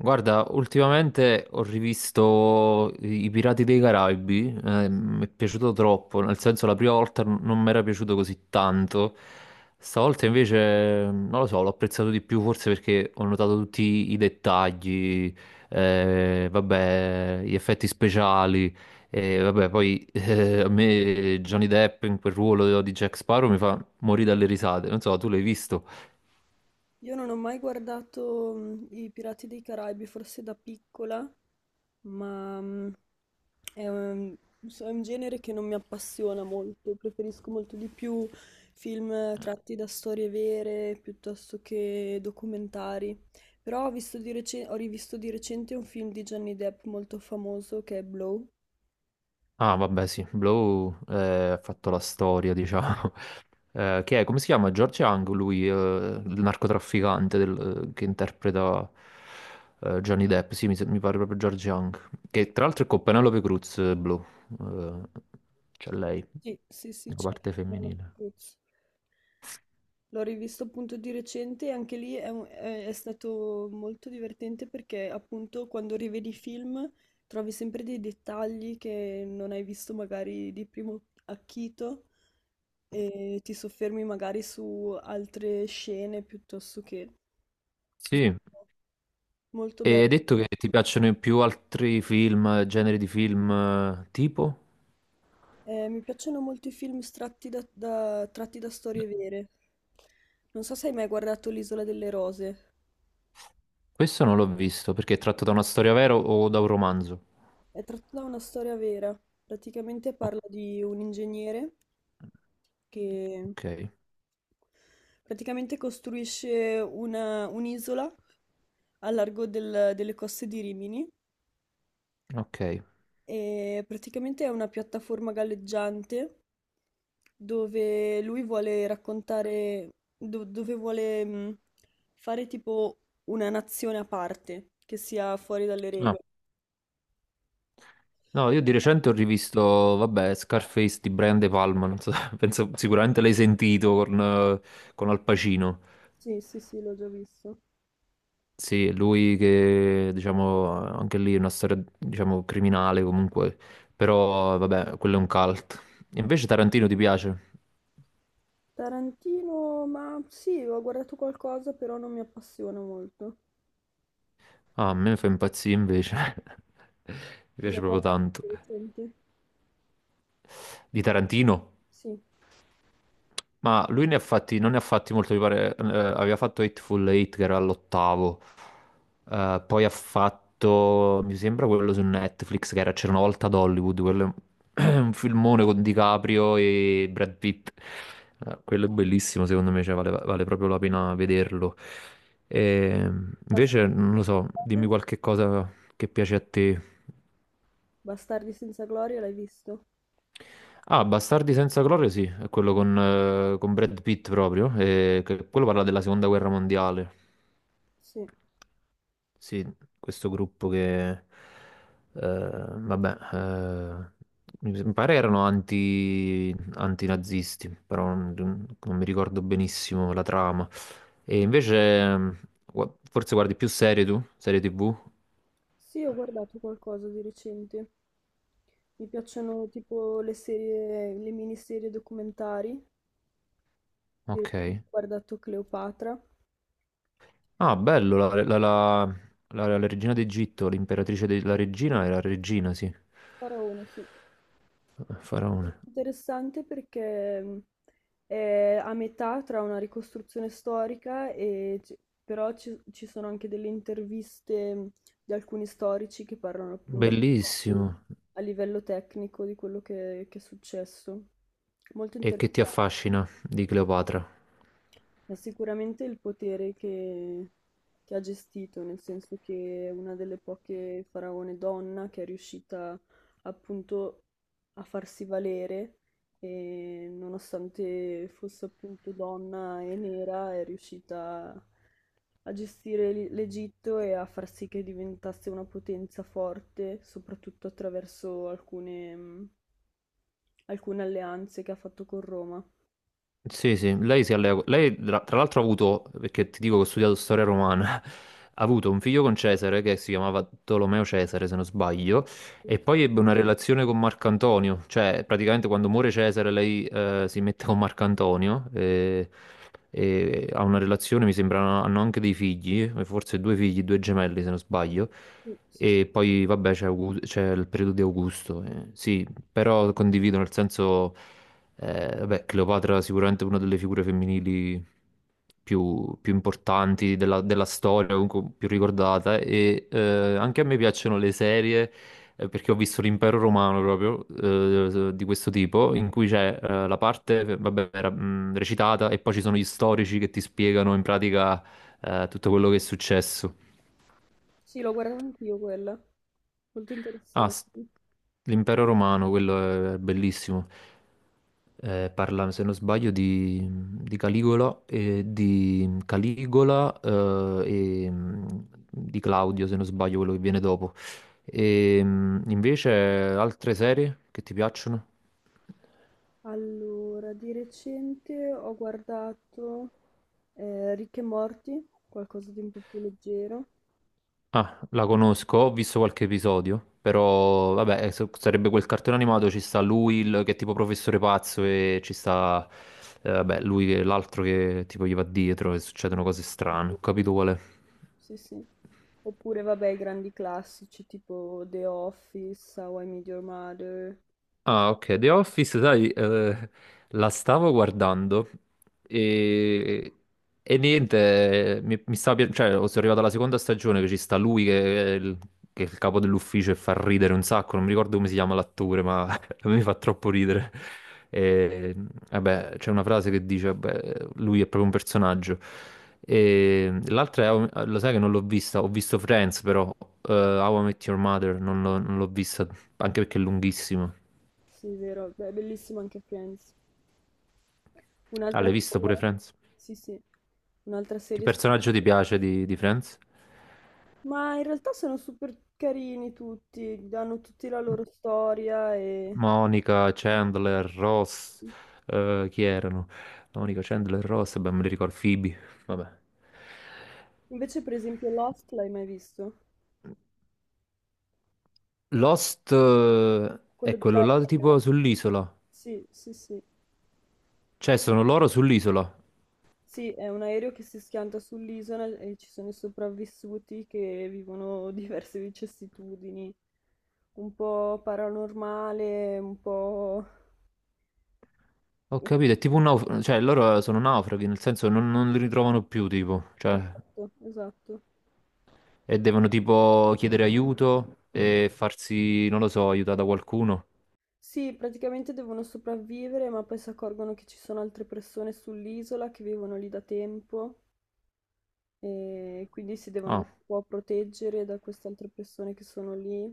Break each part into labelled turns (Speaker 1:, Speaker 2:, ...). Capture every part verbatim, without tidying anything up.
Speaker 1: Guarda, ultimamente ho rivisto I i Pirati dei Caraibi, eh, mi è piaciuto troppo, nel senso la prima volta n- non mi era piaciuto così tanto. Stavolta invece non lo so, l'ho apprezzato di più forse perché ho notato tutti i dettagli, eh, vabbè, gli effetti speciali. E vabbè, poi eh, a me Johnny Depp in quel ruolo di Jack Sparrow mi fa morire dalle risate, non so, tu l'hai visto?
Speaker 2: Io non ho mai guardato mm, I Pirati dei Caraibi, forse da piccola, ma mm, è un, so- è un genere che non mi appassiona molto, preferisco molto di più film tratti da storie vere piuttosto che documentari. Però ho visto di recen- ho rivisto di recente un film di Johnny Depp molto famoso che è Blow.
Speaker 1: Ah, vabbè, sì, Blow eh, ha fatto la storia, diciamo. Eh, che è, come si chiama? George Young, lui, eh, il narcotrafficante del- eh, che interpreta eh, Johnny Depp. Sì, mi, se- mi pare proprio George Young. Che tra l'altro è con Penelope Cruz, eh, Blow. Eh, C'è lei,
Speaker 2: Sì, sì, sì,
Speaker 1: la
Speaker 2: c'è anche
Speaker 1: parte
Speaker 2: Penelope
Speaker 1: femminile.
Speaker 2: Cruz. L'ho rivisto appunto di recente e anche lì è, un- è- è stato molto divertente perché appunto quando rivedi i film trovi sempre dei dettagli che non hai visto magari di primo acchito e ti soffermi magari su altre scene piuttosto che...
Speaker 1: Sì,
Speaker 2: Molto
Speaker 1: e
Speaker 2: bello.
Speaker 1: hai detto che ti piacciono più altri film, generi di film, eh, tipo?
Speaker 2: Eh, mi piacciono molto i film tratti da, da- tratti da storie vere. Non so se hai mai guardato L'Isola delle Rose.
Speaker 1: Questo non l'ho visto, perché è tratto da una storia vera o da un romanzo?
Speaker 2: È tratta da una storia vera. Praticamente
Speaker 1: O-
Speaker 2: parla di un ingegnere che
Speaker 1: ok,
Speaker 2: praticamente costruisce una- un'isola a largo del- delle coste di Rimini
Speaker 1: ok.
Speaker 2: e praticamente è una piattaforma galleggiante dove lui vuole raccontare, do- dove vuole mh, fare tipo una nazione a parte che sia fuori dalle
Speaker 1: No,
Speaker 2: regole.
Speaker 1: no, io di recente ho rivisto, vabbè, Scarface di Brian De Palma, non so, penso sicuramente l'hai sentito con, eh, con Al Pacino.
Speaker 2: Sì, sì, sì, l'ho già visto.
Speaker 1: Sì, è lui che, diciamo, anche lì è una storia, diciamo, criminale comunque, però vabbè, quello è un cult. Invece Tarantino ti piace?
Speaker 2: Tarantino, ma sì, ho guardato qualcosa, però non mi appassiona molto.
Speaker 1: Ah, a me fa impazzire invece, mi
Speaker 2: Cosa
Speaker 1: piace proprio
Speaker 2: guardate
Speaker 1: tanto.
Speaker 2: di recente?
Speaker 1: Di Tarantino?
Speaker 2: Sì,
Speaker 1: Ma lui ne ha fatti, non ne ha fatti molto, mi pare, eh, aveva fatto Hateful Eight che era all'ottavo. Eh, poi ha fatto, mi sembra, quello su Netflix che era C'era una volta ad Hollywood, quello è un un filmone con DiCaprio e Brad Pitt. Eh, quello è bellissimo secondo me, cioè, vale, vale proprio la pena vederlo. E invece,
Speaker 2: Bastardi
Speaker 1: non lo so,
Speaker 2: senza
Speaker 1: dimmi
Speaker 2: gloria.
Speaker 1: qualche cosa che piace a te.
Speaker 2: Bastardi senza gloria, l'hai visto?
Speaker 1: Ah, Bastardi senza gloria, sì, è quello con, eh, con Brad Pitt proprio, e che- quello parla della seconda guerra mondiale.
Speaker 2: Sì.
Speaker 1: Sì, questo gruppo che, eh, vabbè, eh, mi sem- pare erano anti, antinazisti, però non, non mi ricordo benissimo la trama. E invece, mm, gua- forse guardi più serie tu? Serie ti vù?
Speaker 2: Sì, ho guardato qualcosa di recente. Mi piacciono tipo le serie, le miniserie documentari. Di recente
Speaker 1: Ok.
Speaker 2: ho guardato Cleopatra.
Speaker 1: Ah, bello, la, la- la- la- la regina d'Egitto, l'imperatrice della regina era regina, sì,
Speaker 2: Faraone, sì.
Speaker 1: faraone.
Speaker 2: Interessante perché mh, è a metà tra una ricostruzione storica e ci- però ci, ci sono anche delle interviste mh, di alcuni storici che parlano appunto
Speaker 1: Bellissimo.
Speaker 2: a livello tecnico di quello che, che è successo. Molto
Speaker 1: E che
Speaker 2: interessante.
Speaker 1: ti affascina di Cleopatra?
Speaker 2: Ma sicuramente il potere che, che ha gestito, nel senso che è una delle poche faraone donna che è riuscita appunto a farsi valere e nonostante fosse appunto donna e nera è riuscita a gestire l- l'Egitto e a far sì che diventasse una potenza forte, soprattutto attraverso alcune, mh, alcune alleanze che ha fatto con Roma.
Speaker 1: Sì, sì, lei si allea. co- Lei tra tra l'altro ha avuto, perché ti dico che ho studiato storia romana, ha avuto un figlio con Cesare che si chiamava Tolomeo Cesare, se non sbaglio.
Speaker 2: Sì,
Speaker 1: E poi ebbe una relazione con Marco Antonio, cioè praticamente quando muore Cesare lei, eh, si mette con Marco Antonio, e, e ha una relazione, mi sembra, hanno anche dei figli, eh, forse due figli, due gemelli se non sbaglio.
Speaker 2: sì, sì.
Speaker 1: E poi vabbè c'è Augu- c'è il periodo di Augusto, eh, sì, però condivido nel senso... Eh, vabbè, Cleopatra è sicuramente una delle figure femminili più, più importanti della, della storia, comunque più ricordata. E eh, anche a me piacciono le serie, eh, perché ho visto l'Impero Romano proprio, eh, di questo tipo, in cui c'è, eh, la parte, vabbè, era, mh, recitata, e poi ci sono gli storici che ti spiegano in pratica eh, tutto quello che è successo.
Speaker 2: Sì, l'ho guardata anch'io quella. Molto
Speaker 1: Ah,
Speaker 2: interessante.
Speaker 1: s- l'Impero Romano, quello è bellissimo. Eh, parla, se non sbaglio, di, di Caligola e di Caligola eh, e mm, di Claudio, se non sbaglio, quello che viene dopo. E mm, invece altre serie che ti piacciono?
Speaker 2: Allora, di recente ho guardato eh, Rick e Morty, qualcosa di un po' più leggero.
Speaker 1: Ah, la conosco, ho visto qualche episodio, però vabbè, eh, so- sarebbe quel cartone animato, ci sta lui il- che è tipo professore pazzo, e ci sta, eh, vabbè, lui che l'altro che tipo gli va dietro e succedono cose strane, ho capito qual è.
Speaker 2: Sì, sì. Oppure, vabbè, i grandi classici tipo The Office, How I Met Your Mother.
Speaker 1: Ah, ok, The Office, sai, eh, la stavo guardando, e, e niente, eh, mi, mi stava pi- cioè, oh, sono arrivato alla seconda stagione, che ci sta lui che è il, che è il capo dell'ufficio, e fa ridere un sacco, non mi ricordo come si chiama l'attore, ma a me fa troppo ridere. E, vabbè, c'è una frase che dice, vabbè, lui è proprio un personaggio. E l'altra è, How- lo sai che non l'ho vista, ho visto Friends però, eh, How I Met Your Mother, non l'ho non l'ho vista, anche perché è lunghissimo.
Speaker 2: Sì, vero. Beh, è bellissimo anche Friends.
Speaker 1: Ah,
Speaker 2: Un'altra
Speaker 1: l'hai visto
Speaker 2: serie.
Speaker 1: pure Friends?
Speaker 2: Sì, sì. Un'altra
Speaker 1: Che
Speaker 2: serie. su-
Speaker 1: personaggio ti piace di, di Friends?
Speaker 2: Ma in realtà sono super carini tutti, hanno tutti la loro storia e...
Speaker 1: Monica, Chandler, Ross, eh, chi erano? Monica, Chandler, Ross, beh, me li ricordo, Phoebe, vabbè.
Speaker 2: Invece, per esempio, Lost l'hai mai visto?
Speaker 1: Lost, eh,
Speaker 2: Quello
Speaker 1: è quello là
Speaker 2: dell'aereo?
Speaker 1: tipo sull'isola.
Speaker 2: Sì, sì, sì.
Speaker 1: Cioè, sono loro sull'isola.
Speaker 2: Sì, è un aereo che si schianta sull'isola e ci sono i sopravvissuti che vivono diverse vicissitudini, un po' paranormale, un po'...
Speaker 1: Ho capito, è tipo un naufrago, cioè loro sono naufraghi, nel senso non, non li ritrovano più, tipo, cioè,
Speaker 2: Esatto, esatto.
Speaker 1: e devono tipo chiedere aiuto e farsi, non lo so, aiutare da qualcuno.
Speaker 2: Sì, praticamente devono sopravvivere, ma poi si accorgono che ci sono altre persone sull'isola che vivono lì da tempo e quindi si devono
Speaker 1: Ah.
Speaker 2: anche un po' proteggere da queste altre persone che sono lì.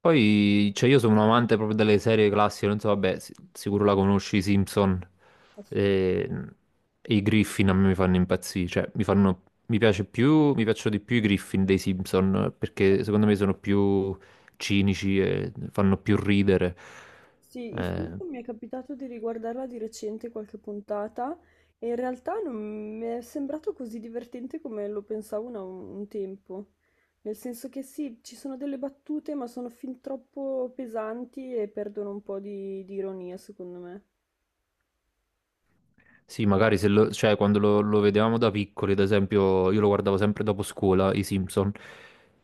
Speaker 1: Poi, cioè, io sono un amante proprio delle serie classiche, non so, vabbè, si- sicuro la conosci, i Simpson,
Speaker 2: Assu-
Speaker 1: e, e i Griffin a me mi fanno impazzire, cioè, mi fanno, mi piace più, mi piacciono di più i Griffin dei Simpson, perché secondo me sono più cinici e fanno più ridere.
Speaker 2: Sì, il
Speaker 1: Eh,
Speaker 2: Simpson mi è capitato di riguardarla di recente qualche puntata e in realtà non mi è sembrato così divertente come lo pensavo una- un tempo. Nel senso che sì, ci sono delle battute, ma sono fin troppo pesanti e perdono un po' di, di ironia, secondo me.
Speaker 1: Sì, magari se lo- cioè, quando lo, lo vedevamo da piccoli, ad esempio, io lo guardavo sempre dopo scuola, i Simpson.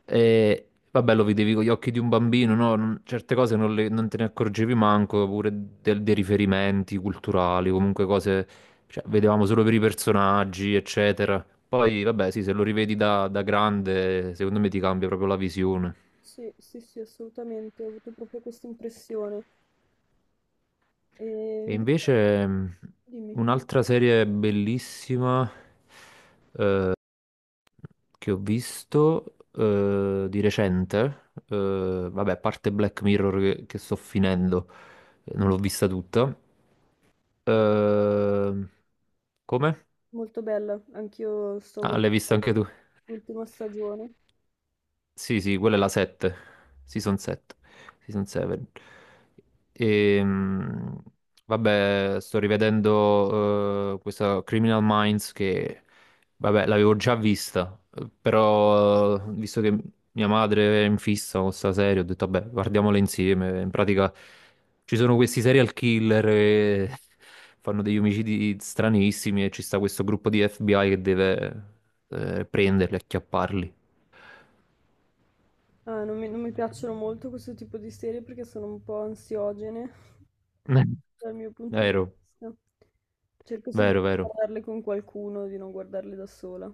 Speaker 1: E vabbè, lo vedevi con gli occhi di un bambino, no? Non- certe cose non, le- non te ne accorgevi manco, pure del- dei riferimenti culturali, comunque cose, cioè, vedevamo solo per i personaggi, eccetera. Poi, vabbè, sì, se lo rivedi da, da grande, secondo me ti cambia proprio la visione.
Speaker 2: Sì, sì, sì, assolutamente, ho avuto proprio questa impressione. E
Speaker 1: E
Speaker 2: invece,
Speaker 1: invece, mh,
Speaker 2: dimmi,
Speaker 1: un'altra serie bellissima che ho visto, eh, di recente, eh, vabbè, a parte Black Mirror che, che sto finendo, non l'ho vista tutta.
Speaker 2: molto,
Speaker 1: Eh, come?
Speaker 2: molto bella, anch'io sto
Speaker 1: Ah, l'hai vista
Speaker 2: guardando
Speaker 1: anche tu?
Speaker 2: l'ultima stagione.
Speaker 1: Sì, sì, quella è la sette, Season sette, Season sette. Ehm, vabbè, sto rivedendo, eh, questa Criminal Minds che, vabbè, l'avevo già vista, eh, però, eh, visto che mia madre è in fissa con questa serie, ho detto, vabbè, guardiamola insieme. In pratica ci sono questi serial killer che fanno degli omicidi stranissimi, e ci sta questo gruppo di F B I che deve, eh, prenderli, acchiapparli.
Speaker 2: Ah, non mi, non mi piacciono molto questo tipo di serie perché sono un po' ansiogene dal mio punto di
Speaker 1: Vero.
Speaker 2: vista. Cerco sempre
Speaker 1: Vero,
Speaker 2: di
Speaker 1: vero.
Speaker 2: guardarle con qualcuno, di non guardarle da sola.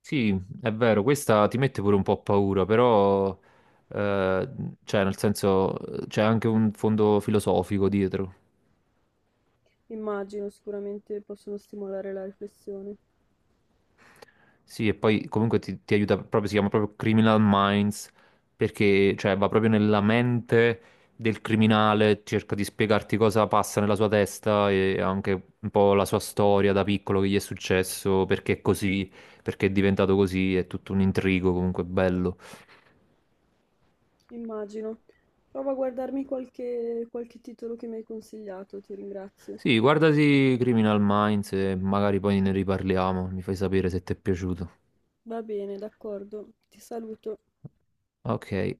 Speaker 1: Sì, è vero, questa ti mette pure un po' paura, però, eh, cioè, nel senso, c'è anche un fondo filosofico dietro.
Speaker 2: Immagino, sicuramente possono stimolare la riflessione.
Speaker 1: Sì, e poi comunque ti, ti aiuta proprio, si chiama proprio Criminal Minds, perché, cioè, va proprio nella mente del criminale, cerca di spiegarti cosa passa nella sua testa, e anche un po' la sua storia da piccolo, che gli è successo, perché è così, perché è diventato così, è tutto un intrigo comunque bello.
Speaker 2: Immagino. Prova a guardarmi qualche, qualche titolo che mi hai consigliato, ti ringrazio.
Speaker 1: Sì, guardati Criminal Minds e magari poi ne riparliamo, mi fai sapere se ti è piaciuto.
Speaker 2: Va bene, d'accordo. Ti saluto.
Speaker 1: Ok,